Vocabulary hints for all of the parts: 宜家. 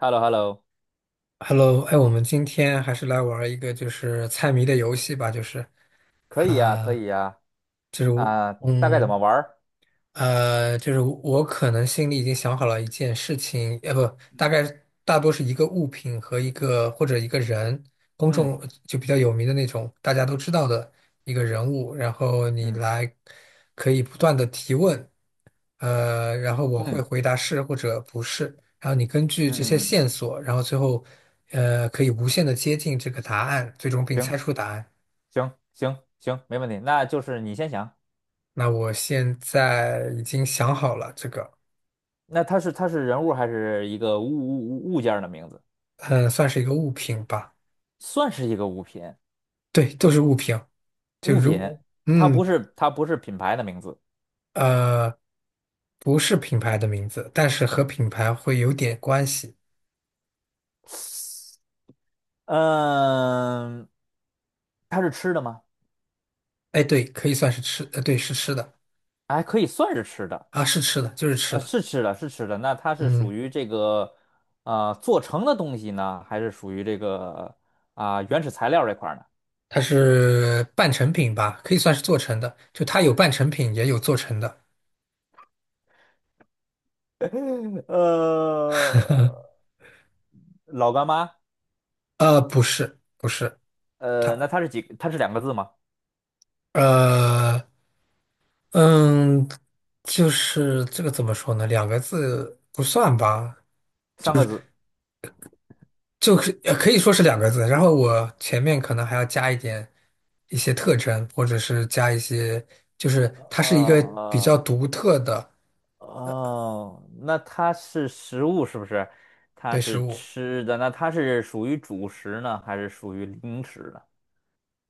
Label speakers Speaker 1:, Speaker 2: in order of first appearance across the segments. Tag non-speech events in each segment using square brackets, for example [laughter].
Speaker 1: h e l l o h e l l o
Speaker 2: Hello，哎，我们今天还是来玩儿一个就是猜谜的游戏吧。就是，
Speaker 1: 可以呀，可
Speaker 2: 啊，
Speaker 1: 以呀，啊，大概怎么
Speaker 2: 嗯，
Speaker 1: 玩儿？
Speaker 2: 就是我可能心里已经想好了一件事情。不，大概大多是一个物品和一个或者一个人，公
Speaker 1: 嗯，
Speaker 2: 众就比较有名的那种，大家都知道的一个人物，然后你
Speaker 1: 嗯
Speaker 2: 来可以不断的提问。然后我
Speaker 1: 嗯
Speaker 2: 会
Speaker 1: 嗯
Speaker 2: 回答是或者不是，然后你根据这些
Speaker 1: 嗯嗯嗯
Speaker 2: 线
Speaker 1: 嗯，
Speaker 2: 索，然后最后可以无限的接近这个答案，最终并
Speaker 1: 行
Speaker 2: 猜出答案。
Speaker 1: 行行行，没问题。那就是你先想，
Speaker 2: 那我现在已经想好了这个。
Speaker 1: 那它是人物还是一个物件儿的名字？
Speaker 2: 嗯，算是一个物品吧。
Speaker 1: 算是一个物品，
Speaker 2: 对，都是物品。就
Speaker 1: 物品，
Speaker 2: 如
Speaker 1: 它不
Speaker 2: 嗯
Speaker 1: 是它不是品牌的名字。
Speaker 2: 呃，不是品牌的名字，但是和品牌会有点关系。
Speaker 1: 嗯，它是吃的吗？
Speaker 2: 哎，对，可以算是吃，对，是吃的。
Speaker 1: 哎，可以算是吃的。
Speaker 2: 啊，是吃的，就是吃的。
Speaker 1: 是吃的，是吃的。那它是属
Speaker 2: 嗯，
Speaker 1: 于这个啊、做成的东西呢，还是属于这个啊、原始材料这块儿呢？
Speaker 2: 它是半成品吧，可以算是做成的。就它有半成品，也有做成的。
Speaker 1: [laughs] 呃，老干妈，
Speaker 2: 不是，不是。
Speaker 1: 那它是几？它是两个字吗？
Speaker 2: 呃，嗯，就是这个怎么说呢？两个字不算吧，
Speaker 1: 三个字？
Speaker 2: 就是可以说是两个字，然后我前面可能还要加一点一些特征，或者是加一些，就是它是一个比
Speaker 1: 呃，
Speaker 2: 较独特的。
Speaker 1: 哦，那它是食物是不是？它
Speaker 2: 对食
Speaker 1: 是
Speaker 2: 物。
Speaker 1: 吃的，那它是属于主食呢，还是属于零食呢？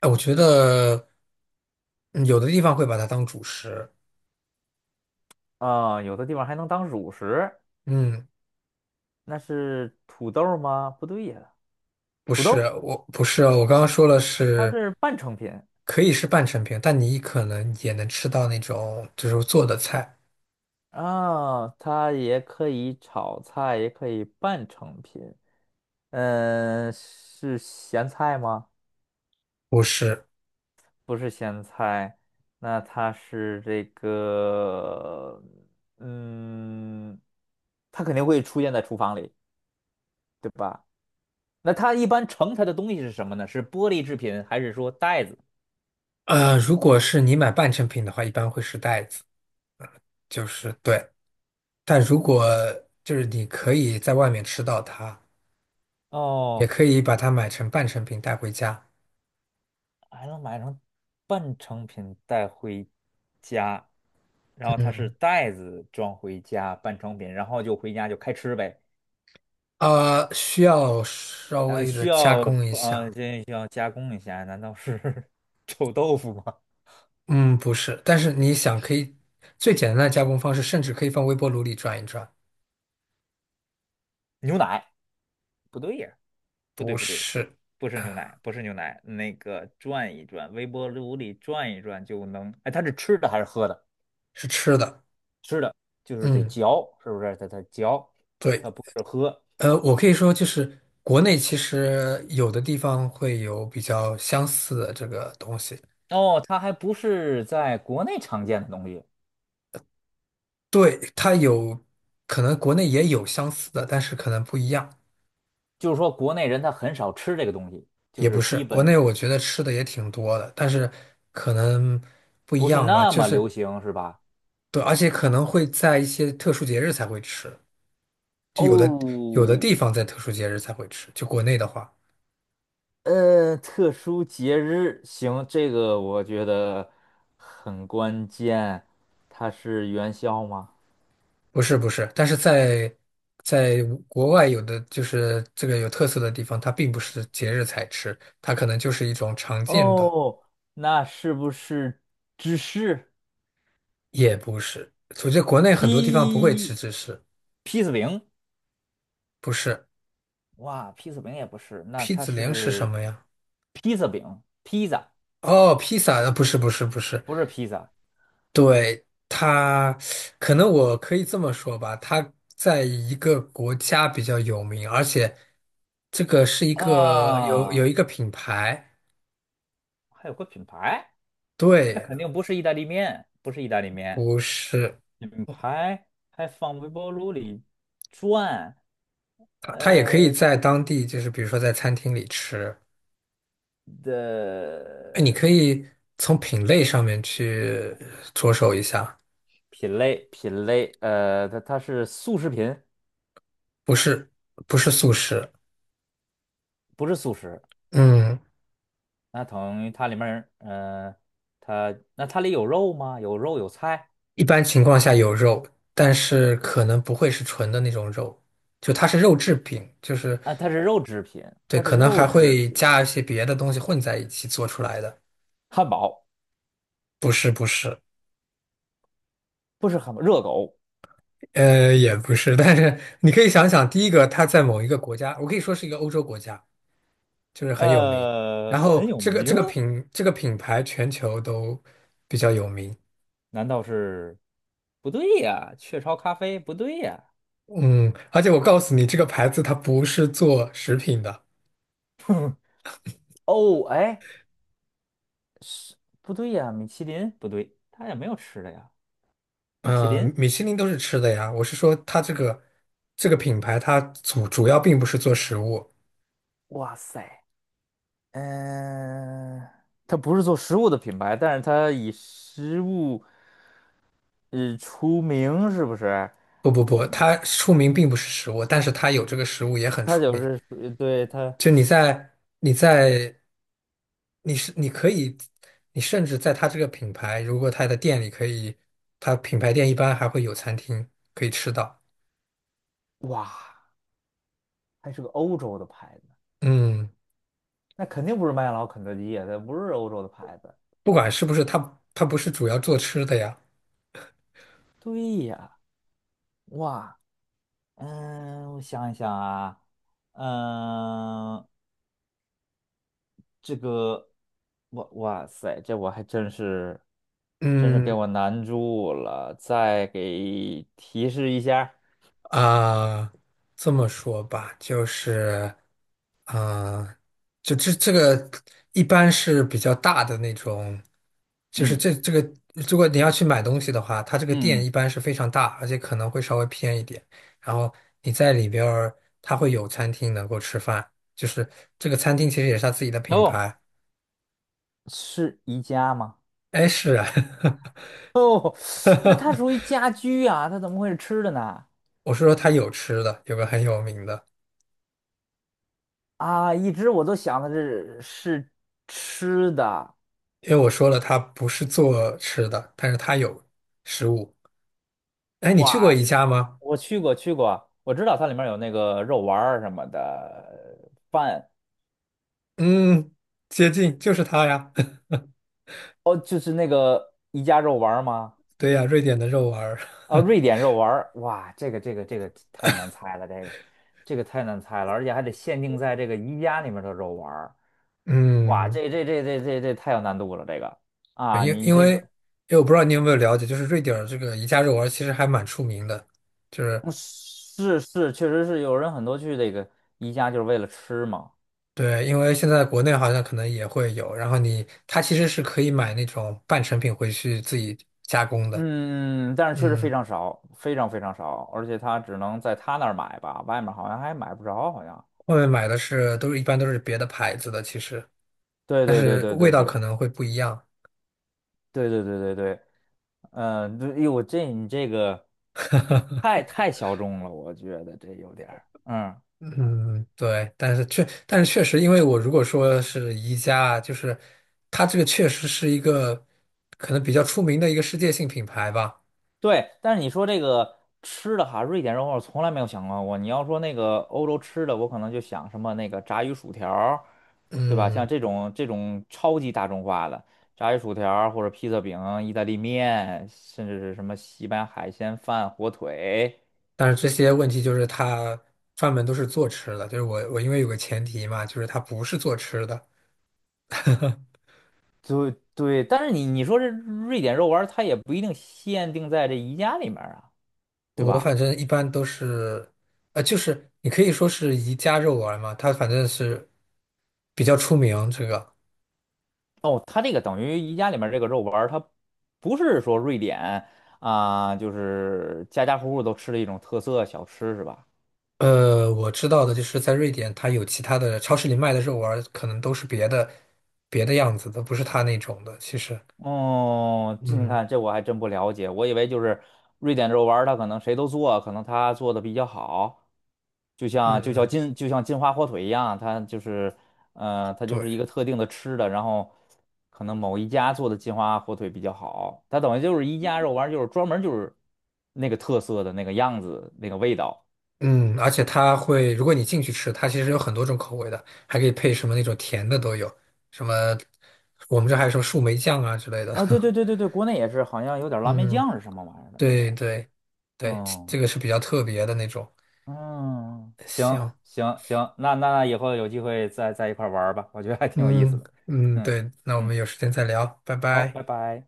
Speaker 2: 哎，我觉得嗯有的地方会把它当主食。
Speaker 1: 啊、有的地方还能当主食，
Speaker 2: 嗯，
Speaker 1: 那是土豆吗？不对呀，
Speaker 2: 不
Speaker 1: 土
Speaker 2: 是，
Speaker 1: 豆。
Speaker 2: 我不是哦，我刚刚说了
Speaker 1: 它
Speaker 2: 是
Speaker 1: 是半成品
Speaker 2: 可以是半成品，但你可能也能吃到那种就是做的菜。
Speaker 1: 啊，它也可以炒菜，也可以半成品。嗯，是咸菜吗？
Speaker 2: 不是。
Speaker 1: 不是咸菜，那它是这个，嗯，它肯定会出现在厨房里。那它一般盛它的东西是什么呢？是玻璃制品，还是说袋子？
Speaker 2: 如果是你买半成品的话，一般会是袋子，就是对。但如果就是你可以在外面吃到它，也
Speaker 1: 哦，
Speaker 2: 可以把它买成半成品带回家。
Speaker 1: 还能买成半成品带回家，然后它是
Speaker 2: 嗯，
Speaker 1: 袋子装回家半成品，然后就回家就开吃呗。
Speaker 2: 啊、需要稍
Speaker 1: 呃，
Speaker 2: 微的
Speaker 1: 需
Speaker 2: 加
Speaker 1: 要
Speaker 2: 工一下。
Speaker 1: 这需要加工一下，难道是 [laughs] 臭豆腐吗？
Speaker 2: 嗯，不是，但是你想可以最简单的加工方式，甚至可以放微波炉里转一转。
Speaker 1: 牛奶？不对呀，不对
Speaker 2: 不
Speaker 1: 不对，
Speaker 2: 是，
Speaker 1: 不是牛奶，不是牛奶，那个转一转，微波炉里转一转就能。哎，它是吃的还是喝的？
Speaker 2: 是吃的。
Speaker 1: 吃的，就是得
Speaker 2: 嗯，
Speaker 1: 嚼，是不是？它嚼，
Speaker 2: 对。
Speaker 1: 它不是喝。
Speaker 2: 我可以说就是国内其实有的地方会有比较相似的这个东西。
Speaker 1: 哦，它还不是在国内常见的东西，
Speaker 2: 对，它有可能国内也有相似的，但是可能不一样。
Speaker 1: 就是说国内人他很少吃这个东西，就
Speaker 2: 也不
Speaker 1: 是
Speaker 2: 是，
Speaker 1: 基
Speaker 2: 国
Speaker 1: 本
Speaker 2: 内我觉得吃的也挺多的，但是可能不一
Speaker 1: 不是
Speaker 2: 样吧，
Speaker 1: 那
Speaker 2: 就
Speaker 1: 么流
Speaker 2: 是
Speaker 1: 行，是吧？
Speaker 2: 对，而且可能会在一些特殊节日才会吃，就有的有的
Speaker 1: 哦，
Speaker 2: 地方在特殊节日才会吃，就国内的话，
Speaker 1: 特殊节日，行，这个我觉得很关键，它是元宵吗？
Speaker 2: 不是不是，但是在国外有的就是这个有特色的地方，它并不是节日才吃，它可能就是一种常见的。
Speaker 1: 哦，那是不是芝士
Speaker 2: 也不是，我觉得国内很多地方不会吃
Speaker 1: 鸡
Speaker 2: 芝士，
Speaker 1: 披萨饼？
Speaker 2: 不是。
Speaker 1: 哇，披萨饼也不是，那
Speaker 2: 披
Speaker 1: 它
Speaker 2: 子零是什
Speaker 1: 是
Speaker 2: 么呀？
Speaker 1: 披萨饼，披萨
Speaker 2: 哦，披萨，不是不是不是。
Speaker 1: 不是披萨。
Speaker 2: 对，他，可能我可以这么说吧，他在一个国家比较有名，而且这个是一个有
Speaker 1: 啊，
Speaker 2: 一个品牌。
Speaker 1: 还有个品牌，那
Speaker 2: 对，
Speaker 1: 肯定不是意大利面，不是意大利面，
Speaker 2: 不是。
Speaker 1: 品牌还放微波炉里转，
Speaker 2: 他他也可以
Speaker 1: 呃
Speaker 2: 在当地，就是比如说在餐厅里吃。
Speaker 1: 的
Speaker 2: 哎，你可以从品类上面去着手一下。
Speaker 1: 品类品类，它是速食品，
Speaker 2: 不是不是素食。
Speaker 1: 不是速食，
Speaker 2: 嗯，
Speaker 1: 那等于它里面儿，它那它里有肉吗？有肉有菜
Speaker 2: 一般情况下有肉，但是可能不会是纯的那种肉。就它是肉制品，就是
Speaker 1: 啊，它是肉制品，
Speaker 2: 对，
Speaker 1: 它是
Speaker 2: 可能
Speaker 1: 肉
Speaker 2: 还
Speaker 1: 制
Speaker 2: 会
Speaker 1: 品，
Speaker 2: 加一些别的东西混在一起做出来的。
Speaker 1: 汉堡
Speaker 2: 不是不是，
Speaker 1: 不是汉堡，热狗，
Speaker 2: 也不是，但是你可以想想，第一个它在某一个国家，我可以说是一个欧洲国家，就是很有名。然
Speaker 1: 很
Speaker 2: 后
Speaker 1: 有
Speaker 2: 这个
Speaker 1: 名，
Speaker 2: 这个品这个品牌全球都比较有名。
Speaker 1: 难道是？不对呀，雀巢咖啡不对呀。
Speaker 2: 嗯，而且我告诉你，这个牌子它不是做食品的。
Speaker 1: 哦，哎，不对呀，米其林不对，它也没有吃的呀。米其
Speaker 2: 嗯、
Speaker 1: 林，
Speaker 2: 米其林都是吃的呀，我是说它这个这个品牌它主要并不是做食物。
Speaker 1: 哇塞，嗯、它不是做食物的品牌，但是它以食物出名，是不是？
Speaker 2: 不不不，它出名并不是食物，但是它有这个食物也很
Speaker 1: 它
Speaker 2: 出
Speaker 1: 就
Speaker 2: 名。
Speaker 1: 是对它，
Speaker 2: 就你在你在你是你可以，你甚至在它这个品牌，如果它的店里可以，它品牌店一般还会有餐厅可以吃到。
Speaker 1: 哇，还是个欧洲的牌子，
Speaker 2: 嗯，
Speaker 1: 那肯定不是麦当劳、肯德基呀，它不是欧洲的牌子。
Speaker 2: 不管是不是它，它不是主要做吃的呀。
Speaker 1: 对呀，哇，嗯，我想一想啊，嗯，这个，哇塞，这我还真是，真是给
Speaker 2: 嗯，
Speaker 1: 我难住了。再给提示一下，
Speaker 2: 啊，这么说吧，就是，啊，就一般是比较大的那种。就是
Speaker 1: 嗯
Speaker 2: 这个，如果你要去买东西的话，它这个店
Speaker 1: 嗯，
Speaker 2: 一般是非常大，而且可能会稍微偏一点。然后你在里边儿，它会有餐厅能够吃饭，就是这个餐厅其实也是它自己的
Speaker 1: 嗯
Speaker 2: 品
Speaker 1: 哦，
Speaker 2: 牌。
Speaker 1: 是宜家吗？
Speaker 2: 哎，是啊，
Speaker 1: [laughs] 哦，那它属
Speaker 2: [laughs]
Speaker 1: 于家居啊，它怎么会是吃的呢？
Speaker 2: 我是说他有吃的，有个很有名的。
Speaker 1: 啊，一直我都想的是吃的。
Speaker 2: 因为我说了，他不是做吃的，但是他有食物。哎，你去过
Speaker 1: 哇
Speaker 2: 宜
Speaker 1: 塞，
Speaker 2: 家吗？
Speaker 1: 我去过去过，我知道它里面有那个肉丸儿什么的饭，
Speaker 2: 嗯，接近，就是它呀。[laughs]
Speaker 1: 哦，就是那个宜家肉丸儿吗？
Speaker 2: 对呀，瑞典的肉丸儿。
Speaker 1: 啊，
Speaker 2: [laughs]
Speaker 1: 瑞典肉丸儿，哇，这个太难猜了，这个太难猜了，而且还得限定在这个宜家里面的肉丸儿，哇，
Speaker 2: 嗯，
Speaker 1: 这太有难度了，这个
Speaker 2: 因
Speaker 1: 啊，你
Speaker 2: 因
Speaker 1: 这
Speaker 2: 为因
Speaker 1: 个
Speaker 2: 为我不知道你有没有了解，就是瑞典儿这个宜家肉丸儿其实还蛮出名的，就是
Speaker 1: 嗯是是，确实是有人很多去这个宜家就是为了吃嘛，
Speaker 2: 对，因为现在国内好像可能也会有，然后你它其实是可以买那种半成品回去自己加工的。
Speaker 1: 嗯，但是确实非
Speaker 2: 嗯，
Speaker 1: 常少，非常非常少，而且他只能在他那儿买吧，外面好像还买不着，好像，
Speaker 2: 外面买的是都是一般都是别的牌子的，其实
Speaker 1: 对对对对
Speaker 2: 味
Speaker 1: 对
Speaker 2: 道
Speaker 1: 对。
Speaker 2: 可能会不一样。
Speaker 1: 对对对对对，嗯、对，哎呦，我这你这个太小众了，我觉得这有点儿，嗯嗯，
Speaker 2: 嗯，对，但是确，但是确实，因为我如果说是宜家啊，就是它这个确实是一个可能比较出名的一个世界性品牌吧。
Speaker 1: 对。但是你说这个吃的哈，瑞典肉我从来没有想到过。你要说那个欧洲吃的，我可能就想什么那个炸鱼薯条儿，对吧？像
Speaker 2: 嗯，
Speaker 1: 这种超级大众化的炸鱼薯条儿或者披萨饼、意大利面，甚至是什么西班牙海鲜饭、火腿。
Speaker 2: 但是这些问题就是它专门都是做吃的，就是我因为有个前提嘛，就是它不是做吃的。
Speaker 1: 对对，但是你说这瑞典肉丸儿，它也不一定限定在这宜家里面儿啊，对
Speaker 2: 我反
Speaker 1: 吧？
Speaker 2: 正一般都是，就是你可以说是宜家肉丸嘛，它反正是比较出名这个。
Speaker 1: 哦，它这个等于宜家里面儿这个肉丸儿，它不是说瑞典啊，就是家家户户都吃的一种特色小吃是吧？
Speaker 2: 我知道的就是在瑞典，它有其他的超市里卖的肉丸儿可能都是别的样子的，不是它那种的。其实，
Speaker 1: 哦，这你
Speaker 2: 嗯
Speaker 1: 看这我还真不了解，我以为就是瑞典肉丸儿，它可能谁都做，可能它做的比较好，就像就像
Speaker 2: 嗯，
Speaker 1: 金就像金华火腿一样，它就是，它就
Speaker 2: 对，
Speaker 1: 是一个特定的吃的，然后可能某一家做的金华火腿比较好，它等于就是一家肉丸就是专门就是那个特色的那个样子，那个味道
Speaker 2: 嗯，而且它会，如果你进去吃，它其实有很多种口味的，还可以配什么那种甜的都有，什么我们这还有什么树莓酱啊之类的。
Speaker 1: 啊，对对
Speaker 2: [laughs]
Speaker 1: 对对对，国内也是，好像有点蓝莓
Speaker 2: 嗯，
Speaker 1: 酱是什么玩意儿的那
Speaker 2: 对
Speaker 1: 种，
Speaker 2: 对对，这
Speaker 1: 嗯
Speaker 2: 个是比较特别的那种。
Speaker 1: 嗯，行
Speaker 2: 行，
Speaker 1: 行行，那以后有机会再一块儿玩儿吧，我觉得还挺有意思
Speaker 2: 嗯
Speaker 1: 的，
Speaker 2: 嗯，
Speaker 1: 嗯
Speaker 2: 对，那我们
Speaker 1: 嗯，
Speaker 2: 有时间再聊，拜
Speaker 1: 好，
Speaker 2: 拜。
Speaker 1: 拜拜。